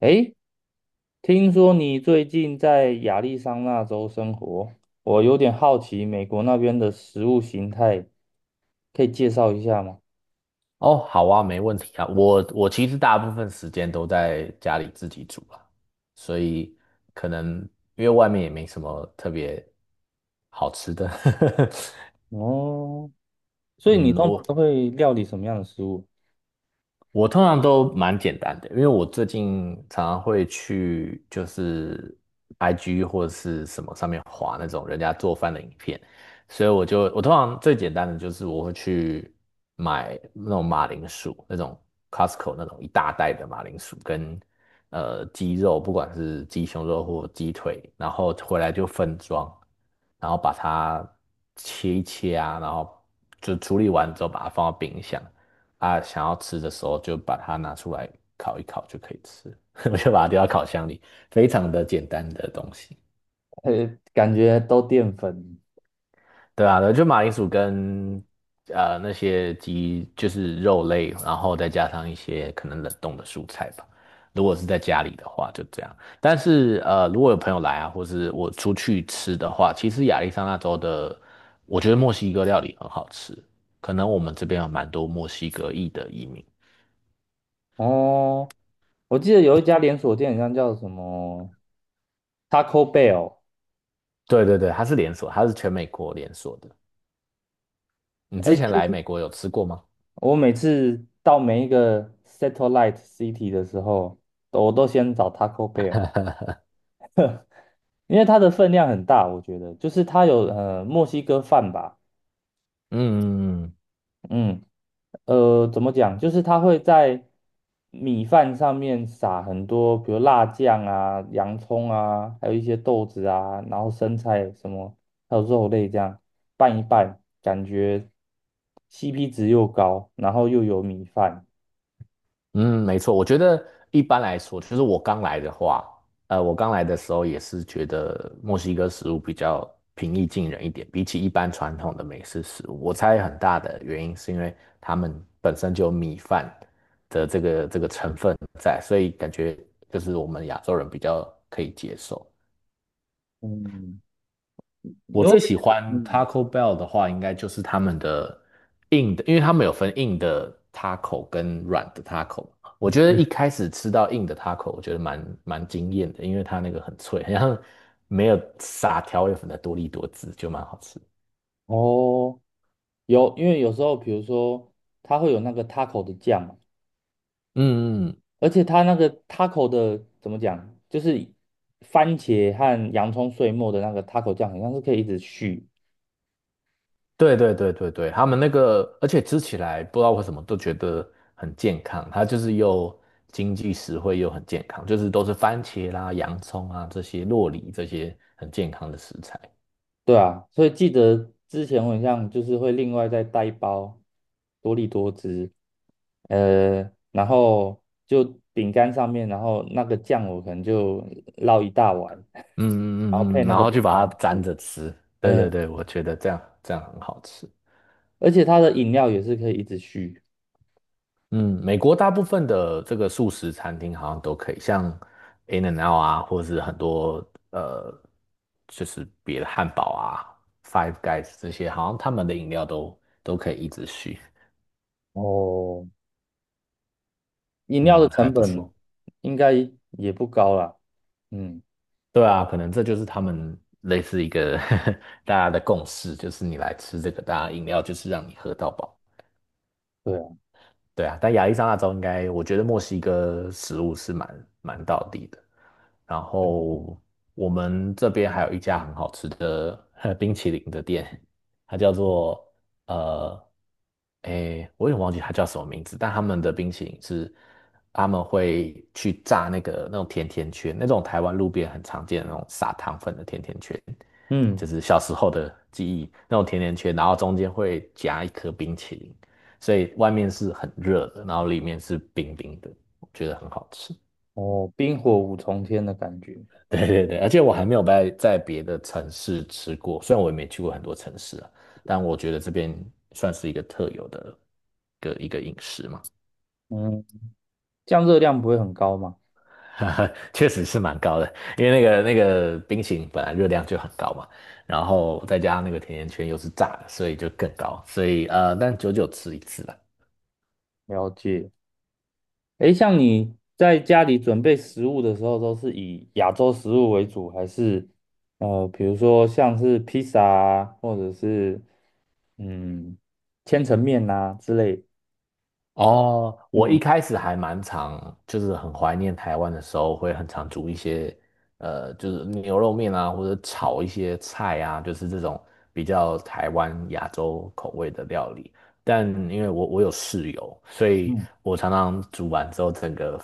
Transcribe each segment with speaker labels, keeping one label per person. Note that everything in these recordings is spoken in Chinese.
Speaker 1: 诶，听说你最近在亚利桑那州生活，我有点好奇美国那边的食物形态，可以介绍一下吗？
Speaker 2: 哦，好啊，没问题啊。我其实大部分时间都在家里自己煮啊，所以可能因为外面也没什么特别好吃的。
Speaker 1: 哦，所以你
Speaker 2: 嗯，
Speaker 1: 通
Speaker 2: 我
Speaker 1: 常都会料理什么样的食物？
Speaker 2: 我通常都蛮简单的，因为我最近常常会去就是 IG 或者是什么上面划那种人家做饭的影片，所以我通常最简单的就是我会去买那种马铃薯，那种 Costco 那种一大袋的马铃薯跟鸡肉，不管是鸡胸肉或鸡腿，然后回来就分装，然后把它切一切啊，然后就处理完之后把它放到冰箱。啊，想要吃的时候就把它拿出来烤一烤就可以吃，我
Speaker 1: 哦
Speaker 2: 就把它丢到烤箱里，非常的简单的东西。
Speaker 1: 感觉都淀粉。
Speaker 2: 对啊，就马铃薯跟那些鸡就是肉类，然后再加上一些可能冷冻的蔬菜吧。如果是在家里的话，就这样。但是如果有朋友来啊，或是我出去吃的话，其实亚利桑那州的，我觉得墨西哥料理很好吃。可能我们这边有蛮多墨西哥裔的移民。
Speaker 1: 哦，我记得有一家连锁店，好像叫什么 Taco Bell。
Speaker 2: 对对对，它是连锁，它是全美国连锁的。你
Speaker 1: 哎，
Speaker 2: 之前
Speaker 1: 其
Speaker 2: 来
Speaker 1: 实
Speaker 2: 美国有吃过吗？
Speaker 1: 我每次到每一个 satellite city 的时候，我都先找 Taco Bell。因为它的分量很大，我觉得就是它有墨西哥饭吧。
Speaker 2: 嗯
Speaker 1: 嗯，怎么讲，就是它会在米饭上面撒很多，比如辣酱啊、洋葱啊，还有一些豆子啊，然后生菜什么，还有肉类这样拌一拌，感觉 CP 值又高，然后又有米饭。
Speaker 2: 嗯，没错。我觉得一般来说，其实我刚来的话，呃，我刚来的时候也是觉得墨西哥食物比较平易近人一点，比起一般传统的美式食物，我猜很大的原因是因为他们本身就有米饭的这个成分在，所以感觉就是我们亚洲人比较可以接受。
Speaker 1: 嗯，你
Speaker 2: 我
Speaker 1: 会不
Speaker 2: 最
Speaker 1: 会觉
Speaker 2: 喜
Speaker 1: 得
Speaker 2: 欢
Speaker 1: 嗯。
Speaker 2: Taco Bell 的话，应该就是他们的硬的，因为他们有分硬的 taco 跟软的 taco。我觉得
Speaker 1: 嗯，
Speaker 2: 一开始吃到硬的 taco，我觉得蛮惊艳的，因为它那个很脆，好像没有撒调味粉的多利多滋，就蛮好吃。
Speaker 1: 哦，有，因为有时候比如说它会有那个 taco 的酱嘛，
Speaker 2: 嗯嗯，
Speaker 1: 而且它那个 taco 的怎么讲，就是番茄和洋葱碎末的那个 taco 酱，好像是可以一直续。
Speaker 2: 对对对对对，他们那个，而且吃起来不知道为什么都觉得很健康，它就是又经济实惠又很健康，就是都是番茄啦、洋葱啊这些洛梨这些很健康的食材。
Speaker 1: 对啊，所以记得之前我好像就是会另外再带一包多利多汁，然后就饼干上面，然后那个酱我可能就捞一大碗，然后
Speaker 2: 嗯嗯嗯
Speaker 1: 配
Speaker 2: 嗯，
Speaker 1: 那
Speaker 2: 然
Speaker 1: 个
Speaker 2: 后
Speaker 1: 饼
Speaker 2: 就把
Speaker 1: 干
Speaker 2: 它沾
Speaker 1: 吃。
Speaker 2: 着吃。对对
Speaker 1: 哎，
Speaker 2: 对，我觉得这样很好吃。
Speaker 1: 而且它的饮料也是可以一直续。
Speaker 2: 嗯，美国大部分的这个素食餐厅好像都可以，像 In-N-Out 啊，或者是很多就是别的汉堡啊、Five Guys 这些，好像他们的饮料都可以一直续。
Speaker 1: 哦，饮料的
Speaker 2: 嗯，还
Speaker 1: 成
Speaker 2: 不
Speaker 1: 本
Speaker 2: 错。
Speaker 1: 应该也不高啦，嗯。
Speaker 2: 对啊，可能这就是他们类似一个 大家的共识，就是你来吃这个，大家饮料就是让你喝到饱。
Speaker 1: 对啊。
Speaker 2: 对啊，但亚利桑那州应该，我觉得墨西哥食物是蛮道地的。然后我们这边还有一家很好吃的冰淇淋的店，它叫做呃，我也忘记它叫什么名字，但他们的冰淇淋是他们会去炸那个那种甜甜圈，那种台湾路边很常见的那种撒糖粉的甜甜圈，
Speaker 1: 嗯，
Speaker 2: 就是小时候的记忆那种甜甜圈，然后中间会夹一颗冰淇淋。所以外面是很热的，然后里面是冰冰的，我觉得很好吃。
Speaker 1: 哦，冰火五重天的感觉。
Speaker 2: 对对对，而且我还没有在别的城市吃过，虽然我也没去过很多城市啊，但我觉得这边算是一个特有的一个饮食嘛，
Speaker 1: 嗯，这样热量不会很高吗？
Speaker 2: 确实是蛮高的，因为那个冰淇淋本来热量就很高嘛，然后再加上那个甜甜圈又是炸的，所以就更高，所以呃，但久久吃一次啦。
Speaker 1: 了解。诶，像你在家里准备食物的时候，都是以亚洲食物为主，还是比如说像是披萨啊，或者是嗯，千层面呐、之类？
Speaker 2: 哦，我一
Speaker 1: 嗯
Speaker 2: 开始还蛮常，就是很怀念台湾的时候，会很常煮一些，呃，就是牛肉面啊，或者炒一些菜啊，就是这种比较台湾亚洲口味的料理。但因为我有室友，所以
Speaker 1: 嗯，
Speaker 2: 我常常煮完之后，整个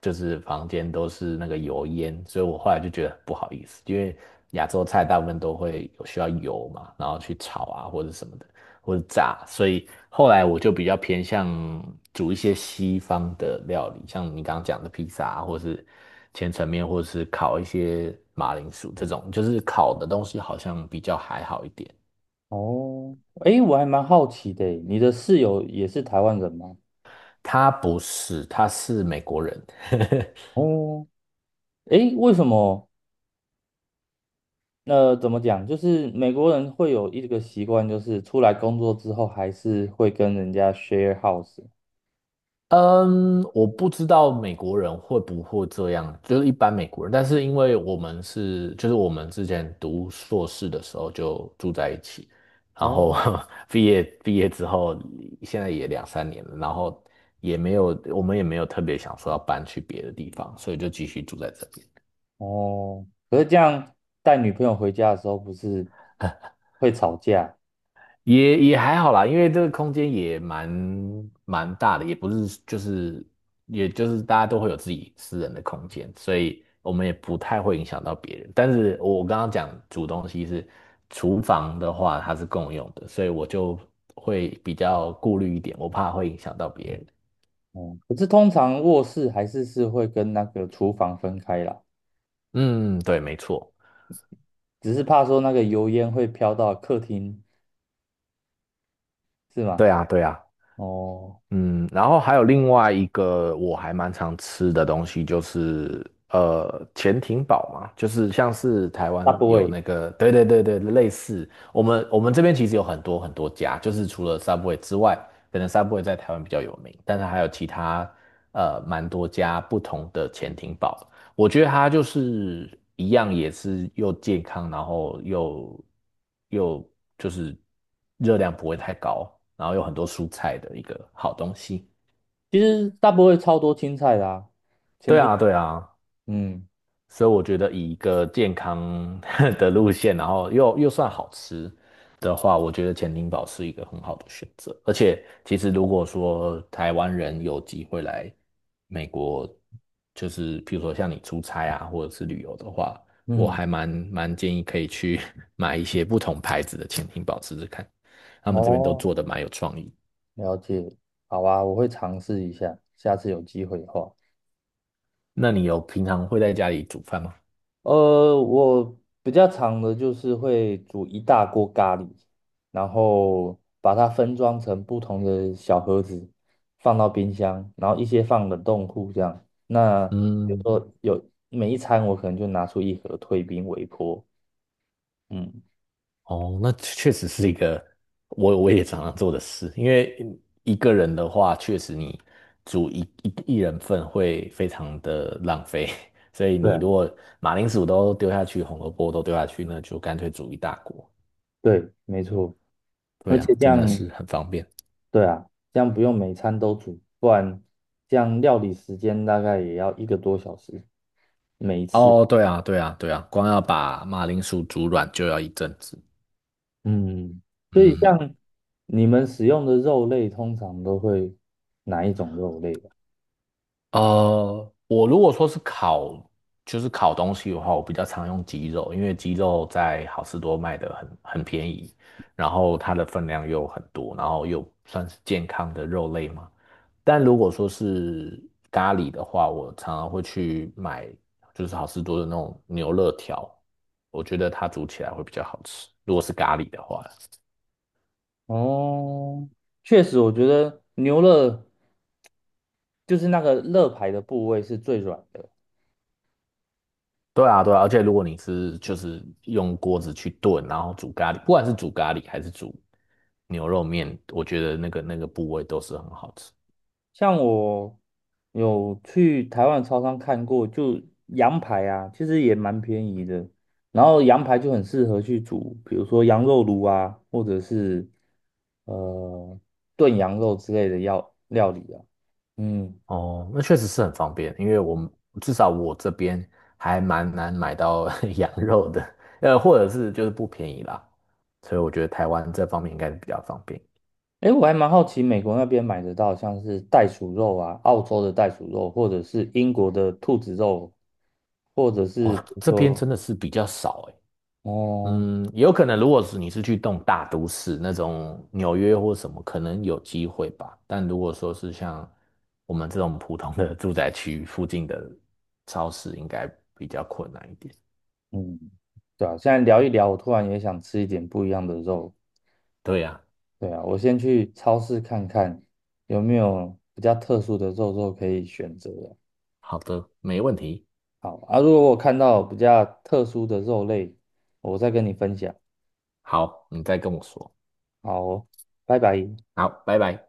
Speaker 2: 就是房间都是那个油烟，所以我后来就觉得不好意思，因为亚洲菜大部分都会有需要油嘛，然后去炒啊或者什么的。或者炸，所以后来我就比较偏向煮一些西方的料理，像你刚刚讲的披萨啊，或是千层面，或是烤一些马铃薯这种，就是烤的东西好像比较还好一点。
Speaker 1: 哦，诶，我还蛮好奇的欸，你的室友也是台湾人吗？
Speaker 2: 他不是，他是美国人。
Speaker 1: 哦，诶，为什么那怎么讲？就是美国人会有一个习惯，就是出来工作之后还是会跟人家 share house。
Speaker 2: 嗯，我不知道美国人会不会这样，就是一般美国人。但是因为我们是，就是我们之前读硕士的时候就住在一起，然后
Speaker 1: 哦，
Speaker 2: 毕业之后，现在也两三年了，然后也没有，我们也没有特别想说要搬去别的地方，所以就继续住在这边。
Speaker 1: 哦，可是这样带女朋友回家的时候，不是会吵架？
Speaker 2: 也也还好啦，因为这个空间也蛮大的，也不是就是也就是大家都会有自己私人的空间，所以我们也不太会影响到别人。但是我刚刚讲煮东西是厨房的话，它是共用的，所以我就会比较顾虑一点，我怕会影响到别人。
Speaker 1: 嗯，可是通常卧室还是是会跟那个厨房分开啦，
Speaker 2: 嗯，对，没错，
Speaker 1: 只是怕说那个油烟会飘到客厅，是吗？
Speaker 2: 对啊，对啊。
Speaker 1: 哦，
Speaker 2: 嗯，然后还有另外一个我还蛮常吃的东西，就是潜艇堡嘛，就是像是台
Speaker 1: 大
Speaker 2: 湾
Speaker 1: 部
Speaker 2: 有
Speaker 1: 位
Speaker 2: 那个，对对对对，类似我们这边其实有很多很多家，就是除了 Subway 之外，可能 Subway 在台湾比较有名，但是还有其他蛮多家不同的潜艇堡，我觉得它就是一样，也是又健康，然后又就是热量不会太高，然后有很多蔬菜的一个好东西。
Speaker 1: 其实大部位超多青菜的啊，前
Speaker 2: 对
Speaker 1: 提
Speaker 2: 啊，对啊，
Speaker 1: 嗯
Speaker 2: 所以我觉得以一个健康 的路线，然后又算好吃的话，我觉得潜艇堡是一个很好的选择。而且，其实如果说台湾人有机会来美国，就是譬如说像你出差啊，或者是旅游的话，我
Speaker 1: 嗯，
Speaker 2: 还蛮建议可以去 买一些不同牌子的潜艇堡试试看，他们这边都
Speaker 1: 哦，
Speaker 2: 做的蛮有创意。
Speaker 1: 了解。好啊，我会尝试一下，下次有机会的话。
Speaker 2: 那你有平常会在家里煮饭吗？
Speaker 1: 我比较常的就是会煮一大锅咖喱，然后把它分装成不同的小盒子，放到冰箱，然后一些放冷冻库这样。那比如
Speaker 2: 嗯。
Speaker 1: 说有每一餐，我可能就拿出一盒退冰微波。嗯，
Speaker 2: 哦，那确实是一个我也常常做的事，因为一个人的话，确实你煮一人份会非常的浪费，所以
Speaker 1: 对
Speaker 2: 你
Speaker 1: 啊。
Speaker 2: 如果马铃薯都丢下去，红萝卜都丢下去，那就干脆煮一大锅。
Speaker 1: 对，没错。而
Speaker 2: 对啊，
Speaker 1: 且这
Speaker 2: 真
Speaker 1: 样，
Speaker 2: 的是很方便。
Speaker 1: 对啊，这样不用每餐都煮，不然这样料理时间大概也要一个多小时。每一次，
Speaker 2: 哦，对啊，对啊，对啊，光要把马铃薯煮软就要一阵子。
Speaker 1: 嗯，所以
Speaker 2: 嗯，
Speaker 1: 像你们使用的肉类，通常都会哪一种肉类啊。
Speaker 2: 呃，我如果说是烤，就是烤东西的话，我比较常用鸡肉，因为鸡肉在好市多卖的很便宜，然后它的分量又很多，然后又算是健康的肉类嘛。但如果说是咖喱的话，我常常会去买，就是好市多的那种牛肋条，我觉得它煮起来会比较好吃。如果是咖喱的话。
Speaker 1: 哦，确实，我觉得牛肋就是那个肋排的部位是最软的。
Speaker 2: 对啊，对啊，而且如果你是就是用锅子去炖，然后煮咖喱，不管是煮咖喱还是煮牛肉面，我觉得那个部位都是很好吃。
Speaker 1: 像我有去台湾超商看过，就羊排啊，其实也蛮便宜的。然后羊排就很适合去煮，比如说羊肉炉啊，或者是呃炖羊肉之类的料料理啊。嗯。
Speaker 2: 哦，那确实是很方便，因为我们至少我这边还蛮难买到 羊肉的，呃，或者是就是不便宜啦，所以我觉得台湾这方面应该是比较方便。
Speaker 1: 哎，我还蛮好奇，美国那边买得到像是袋鼠肉啊，澳洲的袋鼠肉，或者是英国的兔子肉，或者是
Speaker 2: 哦，
Speaker 1: 比如
Speaker 2: 这边
Speaker 1: 说，
Speaker 2: 真的是比较少诶，
Speaker 1: 哦，
Speaker 2: 嗯，有可能，如果是你是去动大都市那种纽约或什么，可能有机会吧。但如果说是像我们这种普通的住宅区附近的超市，应该比较困难一点。
Speaker 1: 嗯，对啊，现在聊一聊，我突然也想吃一点不一样的肉。
Speaker 2: 对呀，
Speaker 1: 对啊，我先去超市看看有没有比较特殊的肉肉可以选择啊。
Speaker 2: 好的，没问题。
Speaker 1: 好啊，如果我看到比较特殊的肉类，我再跟你分享。
Speaker 2: 好，你再跟我说。
Speaker 1: 好哦，拜拜。
Speaker 2: 好，拜拜。